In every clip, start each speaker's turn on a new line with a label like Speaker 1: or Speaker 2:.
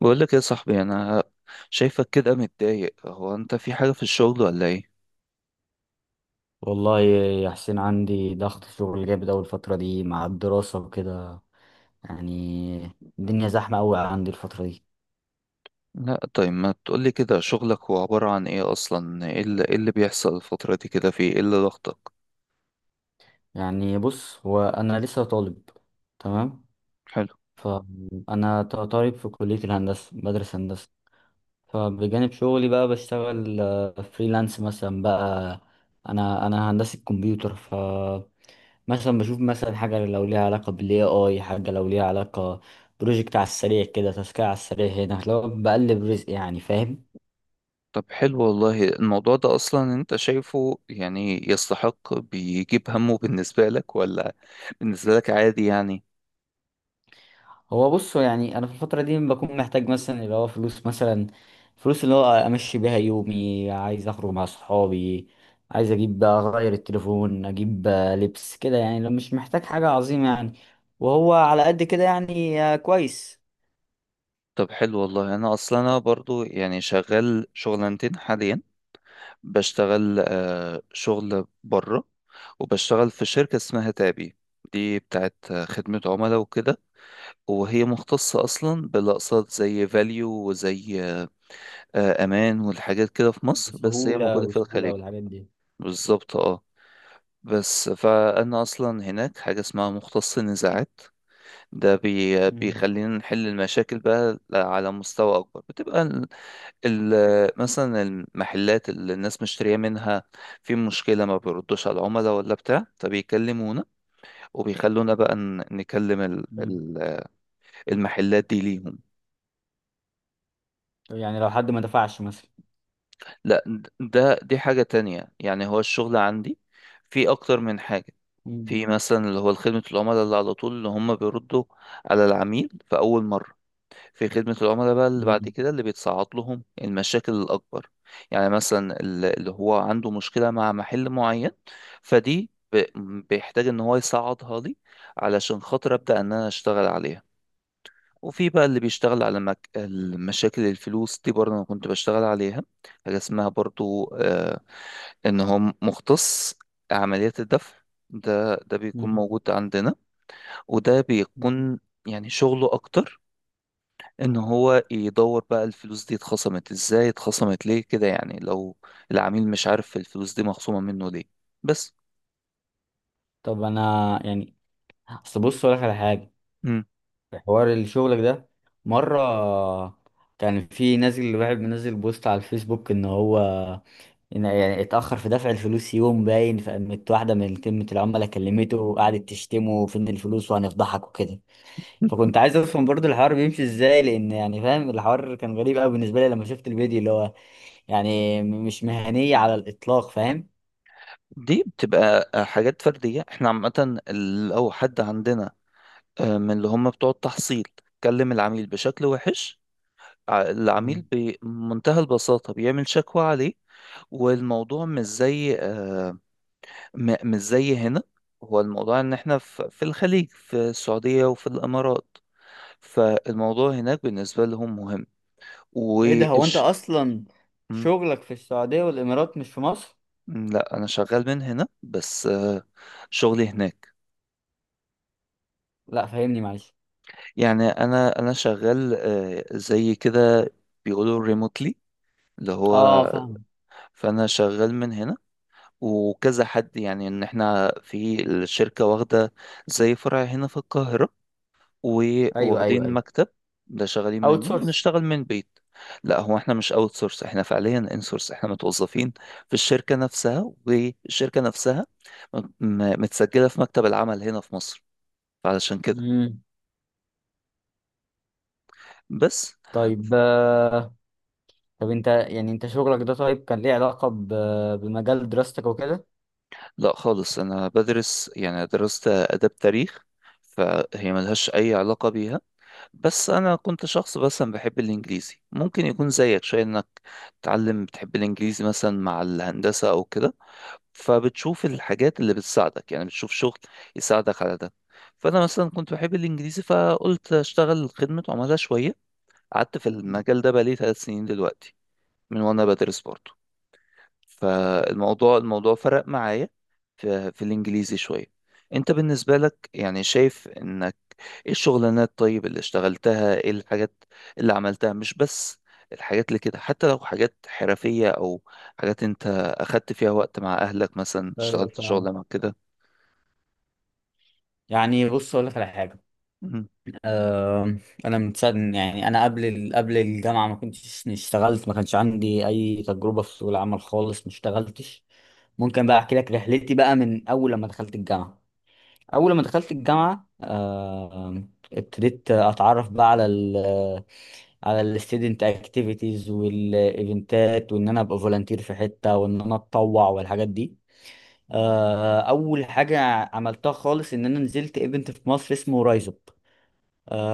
Speaker 1: بقول لك يا صاحبي، انا شايفك كده متضايق. هو انت في حاجة في الشغل ولا ايه؟
Speaker 2: والله يا حسين عندي ضغط شغل جامد أوي الفترة دي مع الدراسة وكده. يعني الدنيا زحمة أوي عندي الفترة دي.
Speaker 1: لا طيب ما تقولي كده. شغلك هو عبارة عن ايه اصلا؟ إيه اللي بيحصل الفترة دي كده؟ في ايه اللي ضغطك؟
Speaker 2: يعني بص، هو أنا لسه طالب. تمام.
Speaker 1: حلو.
Speaker 2: فأنا طالب في كلية الهندسة، بدرس هندسة. فبجانب شغلي بقى بشتغل فريلانس مثلا بقى. أنا هندسة كمبيوتر. مثلا بشوف مثلا حاجة لو ليها علاقة بالاي حاجة لو ليها علاقة بروجكت على السريع كده، تاسكية على السريع، هنا لو بقلب رزق، يعني فاهم.
Speaker 1: طب حلو والله. الموضوع ده اصلا انت شايفه يعني يستحق بيجيب همه بالنسبة لك ولا بالنسبة لك عادي يعني؟
Speaker 2: هو بص، يعني انا في الفترة دي بكون محتاج مثلا اللي هو فلوس مثلا، فلوس اللي هو امشي بيها يومي. عايز اخرج مع صحابي، عايز اجيب بقى اغير التليفون، اجيب بقى لبس كده، يعني لو مش محتاج حاجة عظيمة يعني، وهو على قد كده يعني. كويس.
Speaker 1: طب حلو والله. انا اصلا انا برضو يعني شغال شغلانتين حاليا. بشتغل شغل بره، وبشتغل في شركة اسمها تابي. دي بتاعت خدمة عملاء وكده، وهي مختصة أصلا بالأقساط زي فاليو وزي أمان والحاجات كده في مصر، بس هي
Speaker 2: بسهولة
Speaker 1: موجودة في
Speaker 2: وسهولة
Speaker 1: الخليج.
Speaker 2: والحاجات دي.
Speaker 1: بالظبط اه. بس فأنا أصلا هناك حاجة اسمها مختص النزاعات. ده
Speaker 2: مم.
Speaker 1: بيخلينا نحل المشاكل بقى على مستوى أكبر. بتبقى مثلا المحلات اللي الناس مشترية منها في مشكلة، ما بيردوش على العملاء ولا بتاع، فبيكلمونا وبيخلونا بقى نكلم
Speaker 2: مم.
Speaker 1: المحلات دي ليهم.
Speaker 2: يعني لو حد ما دفعش مثلا.
Speaker 1: لا، ده دي حاجة تانية. يعني هو الشغل عندي في أكتر من حاجة. في مثلا اللي هو خدمة العملاء اللي على طول، اللي هم بيردوا على العميل في أول مرة. في خدمة العملاء بقى اللي بعد
Speaker 2: مم.
Speaker 1: كده، اللي بيتصعد لهم المشاكل الأكبر. يعني مثلا اللي هو عنده مشكلة مع محل معين، فدي بيحتاج إن هو يصعدها لي علشان خاطر أبدأ إن أنا أشتغل عليها. وفي بقى اللي بيشتغل على المشاكل، الفلوس دي برضه أنا كنت بشتغل عليها. حاجة اسمها برضه آه، إن هو مختص عمليات الدفع. ده ده بيكون
Speaker 2: مم.
Speaker 1: موجود عندنا، وده بيكون يعني شغله أكتر ان هو يدور بقى الفلوس دي اتخصمت ازاي، اتخصمت ليه كده، يعني لو العميل مش عارف الفلوس دي مخصومة منه ليه. بس.
Speaker 2: طب انا يعني، اصل بص اقول لك على حاجه،
Speaker 1: مم.
Speaker 2: في حوار الشغل ده مره كان في نازل واحد منزل بوست على الفيسبوك ان هو، إن يعني اتاخر في دفع الفلوس يوم باين، فقامت واحده من خدمه العملاء كلمته وقعدت تشتمه فين الفلوس وهنفضحك وكده. فكنت عايز افهم برضو الحوار بيمشي ازاي، لان يعني فاهم الحوار كان غريب قوي بالنسبه لي لما شفت الفيديو، اللي هو يعني مش مهنيه على الاطلاق، فاهم.
Speaker 1: دي بتبقى حاجات فردية. احنا عامة لو حد عندنا من اللي هم بتوع التحصيل كلم العميل بشكل وحش، العميل بمنتهى البساطة بيعمل شكوى عليه. والموضوع مش زي مش زي هنا. هو الموضوع ان احنا في الخليج، في السعودية وفي الامارات، فالموضوع هناك بالنسبة لهم مهم.
Speaker 2: ايه ده، هو انت
Speaker 1: وإش...
Speaker 2: اصلا
Speaker 1: م-
Speaker 2: شغلك في السعودية والامارات مش في مصر؟
Speaker 1: لا، أنا شغال من هنا بس شغلي هناك.
Speaker 2: لا فهمني معلش.
Speaker 1: يعني أنا شغال زي كده بيقولوا ريموتلي. اللي هو
Speaker 2: اه، فاهم.
Speaker 1: فأنا شغال من هنا، وكذا حد. يعني إن إحنا في الشركة واخدة زي فرع هنا في القاهرة،
Speaker 2: ايوه ايوه
Speaker 1: وواخدين
Speaker 2: ايوه.
Speaker 1: مكتب ده شغالين
Speaker 2: اوت
Speaker 1: منه،
Speaker 2: سورس.
Speaker 1: ونشتغل من بيت. لا، هو احنا مش اوت سورس، احنا فعليا ان سورس، احنا متوظفين في الشركة نفسها، والشركة نفسها متسجلة في مكتب العمل هنا في مصر، علشان كده.
Speaker 2: امم.
Speaker 1: بس.
Speaker 2: طيب. طب انت يعني انت شغلك ده طيب كان ليه علاقة بمجال دراستك وكده؟
Speaker 1: لا خالص، انا بدرس يعني درست آداب تاريخ، فهي ملهاش اي علاقة بيها. بس انا كنت شخص مثلا بحب الانجليزي. ممكن يكون زيك شوية، انك تتعلم بتحب الانجليزي مثلا مع الهندسة او كده، فبتشوف الحاجات اللي بتساعدك. يعني بتشوف شغل يساعدك على ده. فانا مثلا كنت بحب الانجليزي، فقلت اشتغل خدمة عملاء شوية. قعدت في المجال ده بقالي ثلاث سنين دلوقتي، من وانا بدرس برضه. فالموضوع فرق معايا في الانجليزي شوية. انت بالنسبة لك يعني شايف ان ايه الشغلانات طيب اللي اشتغلتها، ايه الحاجات اللي عملتها؟ مش بس الحاجات اللي كده، حتى لو حاجات حرفية او حاجات انت اخدت فيها وقت مع اهلك، مثلا
Speaker 2: ايوه
Speaker 1: اشتغلت شغلة
Speaker 2: فاهم.
Speaker 1: مع كده.
Speaker 2: يعني بص اقول لك على حاجه.
Speaker 1: مم.
Speaker 2: أه، انا من ساعه، يعني انا قبل قبل الجامعه ما كنتش اشتغلت، ما كانش عندي اي تجربه في سوق العمل خالص، ما اشتغلتش. ممكن بقى احكي لك رحلتي بقى من اول لما دخلت الجامعه. اول ما دخلت الجامعه ابتديت اتعرف بقى على على الستودنت اكتيفيتيز والايفنتات، وان انا ابقى فولunteer في حته، وان انا اتطوع والحاجات دي. اول حاجه عملتها خالص ان انا نزلت ايفنت في مصر اسمه رايز اب.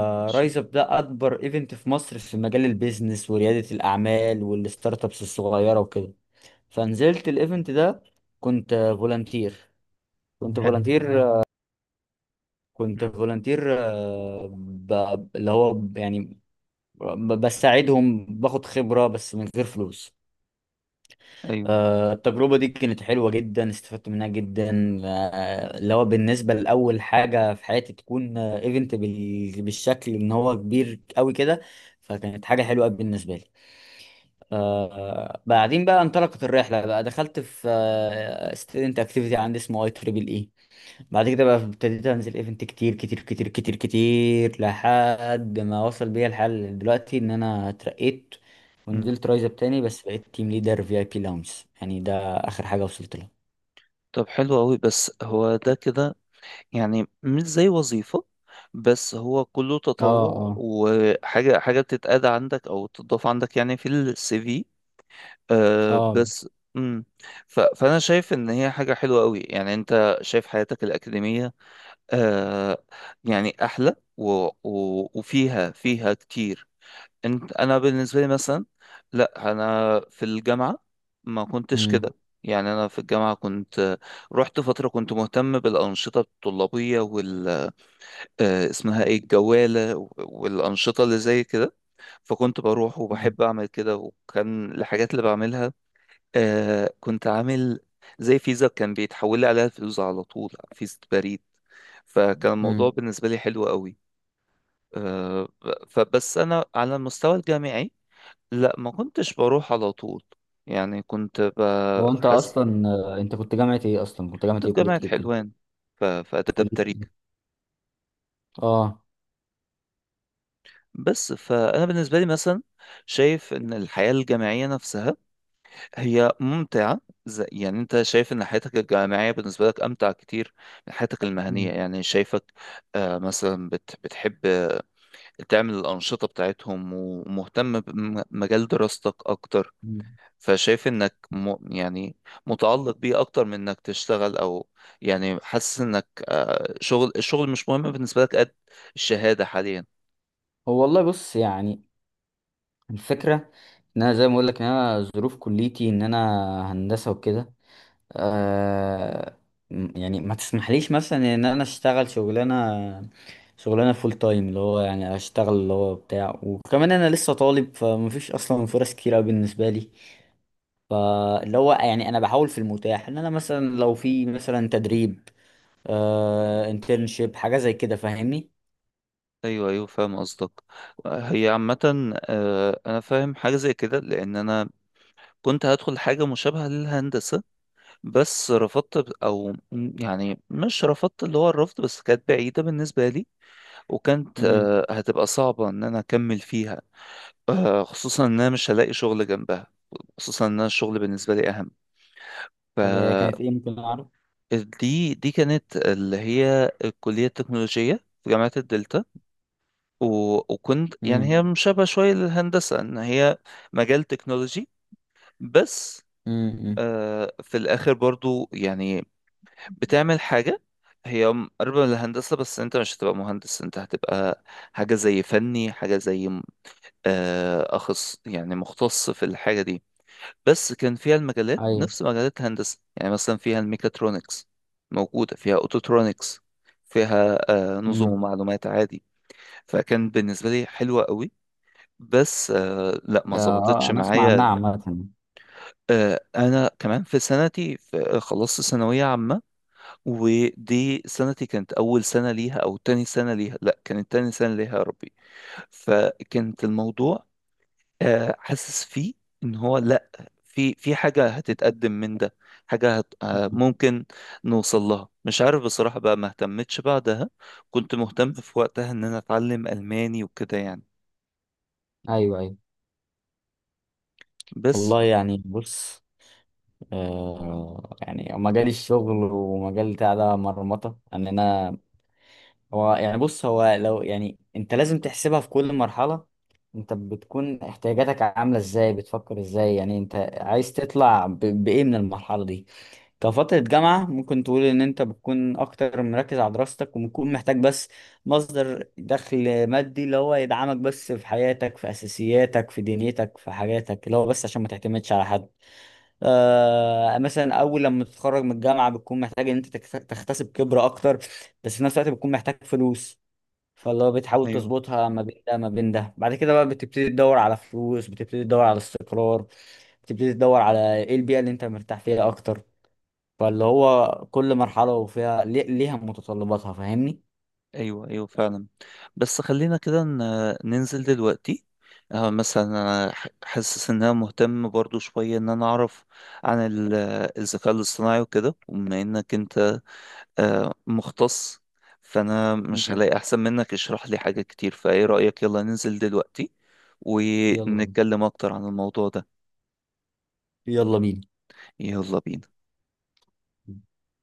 Speaker 1: ماشي.
Speaker 2: رايز اب ده اكبر ايفنت في مصر في مجال البيزنس ورياده الاعمال والستارت ابس الصغيره وكده. فنزلت الايفنت ده، كنت فولunteer، كنت
Speaker 1: حلو.
Speaker 2: فولunteer كنت
Speaker 1: مم.
Speaker 2: فولنتير، يعني بساعدهم باخد خبرة بس من غير فلوس.
Speaker 1: ايوه.
Speaker 2: التجربة دي كانت حلوة جدا، استفدت منها جدا. اللي هو بالنسبة لأول حاجة في حياتي تكون ايفنت بالشكل ان هو كبير قوي كده، فكانت حاجة حلوة أوي بالنسبة لي. بعدين بقى انطلقت الرحلة، بقى دخلت في ستودنت اكتيفيتي عندي اسمه اي تريبل اي. بعد كده بقى ابتديت انزل ايفنت كتير كتير كتير كتير كتير، لحد ما وصل بيا الحال دلوقتي ان انا اترقيت
Speaker 1: مم.
Speaker 2: ونزلت رايز اب تاني، بس بقيت تيم ليدر في اي بي لاونج. يعني ده اخر حاجه وصلت لها.
Speaker 1: طب حلو قوي. بس هو ده كده يعني مش زي وظيفة، بس هو كله
Speaker 2: اه
Speaker 1: تطوع
Speaker 2: اه
Speaker 1: وحاجة حاجة بتتقاد عندك او تضاف عندك يعني في السي في. أه
Speaker 2: اه.
Speaker 1: بس. امم. فانا شايف ان هي حاجه حلوه قوي. يعني انت شايف حياتك الاكاديميه، أه، يعني احلى وفيها، فيها كتير. انت انا بالنسبه لي مثلا، لا، انا في الجامعه ما كنتش
Speaker 2: امم.
Speaker 1: كده. يعني انا في الجامعه كنت رحت فتره كنت مهتم بالانشطه الطلابيه وال اسمها ايه، الجواله والانشطه اللي زي كده. فكنت بروح
Speaker 2: مم.
Speaker 1: وبحب اعمل كده، وكان الحاجات اللي بعملها آه كنت عامل زي فيزا كان بيتحول لي عليها الفلوس على طول، فيزا بريد. فكان الموضوع
Speaker 2: امم.
Speaker 1: بالنسبة لي حلو قوي. آه. فبس أنا على المستوى الجامعي لا، ما كنتش بروح على طول. يعني كنت
Speaker 2: هو انت
Speaker 1: بحس.
Speaker 2: اصلا انت كنت جامعة ايه اصلا، كنت جامعة
Speaker 1: كنت في
Speaker 2: ايه كلية
Speaker 1: جامعة
Speaker 2: ايه وكده؟
Speaker 1: حلوان، في آداب
Speaker 2: كليه
Speaker 1: تاريخ.
Speaker 2: ايه؟ اه.
Speaker 1: بس فأنا بالنسبة لي مثلا، شايف إن الحياة الجامعية نفسها هي ممتعة. زي يعني انت شايف ان حياتك الجامعية بالنسبة لك امتع كتير من حياتك المهنية.
Speaker 2: مم.
Speaker 1: يعني شايفك آه، مثلا بتحب تعمل الانشطة بتاعتهم، ومهتم بمجال دراستك اكتر،
Speaker 2: مم.
Speaker 1: فشايف انك م يعني متعلق بيه اكتر من انك تشتغل. او يعني حاسس انك آه شغل، الشغل مش مهم بالنسبة لك قد الشهادة حاليا؟
Speaker 2: هو والله بص يعني، الفكره ان انا زي ما اقول لك ان انا ظروف كليتي ان انا هندسه وكده. آه، يعني ما تسمحليش مثلا ان انا اشتغل شغلانه، شغلانه فول تايم اللي هو يعني اشتغل اللي هو بتاع، وكمان انا لسه طالب، فمفيش اصلا فرص كتير أوي بالنسبه لي. فاللي هو يعني انا بحاول في المتاح ان انا مثلا لو في مثلا تدريب، آه، انترنشيب حاجه زي كده، فاهمني.
Speaker 1: ايوه، ايوه، فاهم قصدك. هي عامة آه، انا فاهم حاجة زي كده، لان انا كنت هدخل حاجة مشابهة للهندسة بس رفضت، يعني مش رفضت اللي هو الرفض، بس كانت بعيدة بالنسبة لي، وكانت
Speaker 2: امم.
Speaker 1: هتبقى صعبة إن أنا أكمل فيها. خصوصا إن أنا مش هلاقي شغل جنبها، خصوصا إن أنا الشغل بالنسبة لي أهم.
Speaker 2: طب هي كانت ايه، ممكن اعرف؟
Speaker 1: فدي كانت اللي هي الكلية التكنولوجية في جامعة الدلتا. وكنت يعني
Speaker 2: امم.
Speaker 1: هي مشابهة شوية للهندسة، إن هي مجال تكنولوجي، بس
Speaker 2: امم.
Speaker 1: في الآخر برضو يعني بتعمل حاجة هي قريبة من الهندسة. بس انت مش هتبقى مهندس، انت هتبقى حاجة زي فني، حاجة زي م- آه، أخص يعني مختص في الحاجة دي. بس كان فيها المجالات
Speaker 2: ايوه.
Speaker 1: نفس مجالات الهندسة. يعني مثلا فيها الميكاترونكس موجودة، فيها أوتوترونكس، فيها نظم
Speaker 2: امم.
Speaker 1: ومعلومات عادي. فكان بالنسبة لي حلوة قوي، بس لا
Speaker 2: آه.
Speaker 1: ما
Speaker 2: آه،
Speaker 1: ظبطتش
Speaker 2: انا اسمع عنها
Speaker 1: معايا.
Speaker 2: عامه.
Speaker 1: انا كمان في سنتي خلصت ثانوية عامة، ودي سنتي كانت أول سنة ليها أو تاني سنة ليها، لا كانت تاني سنة ليها يا ربي. فكانت الموضوع حاسس فيه إن هو لا، في حاجة هتتقدم من ده، حاجة هت آه،
Speaker 2: مم.
Speaker 1: ممكن نوصل لها. مش عارف بصراحة بقى، ما اهتمتش بعدها. كنت مهتم في وقتها إن أنا أتعلم ألماني وكده يعني.
Speaker 2: ايوه ايوه.
Speaker 1: بس.
Speaker 2: والله يعني بص، يعني مجال الشغل ومجال بتاع ده مرمطة ان انا، هو يعني بص، هو لو يعني انت لازم تحسبها في كل مرحلة. انت بتكون احتياجاتك عاملة ازاي، بتفكر ازاي، يعني انت عايز تطلع بايه من المرحلة دي. كفترة جامعة ممكن تقول ان انت بتكون اكتر مركز على دراستك، وبتكون محتاج بس مصدر دخل مادي اللي هو يدعمك بس في حياتك، في اساسياتك، في دنيتك، في حاجاتك، اللي هو بس عشان ما تعتمدش على حد. آه، مثلا اول لما تتخرج من الجامعه بتكون محتاج ان انت تكتسب خبره اكتر، بس في نفس الوقت بتكون محتاج فلوس. فاللي هو بتحاول تظبطها ما بين ده ما بين ده. بعد كده بقى بتبتدي تدور على فلوس، بتبتدي تدور على استقرار، بتبتدي تدور على ايه البيئه اللي انت مرتاح فيها اكتر. فاللي هو كل مرحله وفيها ليها متطلباتها، فاهمني.
Speaker 1: ايوه ايوه فعلا. بس خلينا كده ننزل دلوقتي. مثلا انا حاسس ان انا مهتم برضو شويه ان انا اعرف عن الذكاء الاصطناعي وكده، وبما انك انت مختص، فانا مش
Speaker 2: مم.
Speaker 1: هلاقي احسن منك يشرح لي حاجه كتير. فايه رايك يلا ننزل دلوقتي
Speaker 2: يلا بينا.
Speaker 1: ونتكلم اكتر عن الموضوع ده؟
Speaker 2: يلا بينا.
Speaker 1: يلا بينا.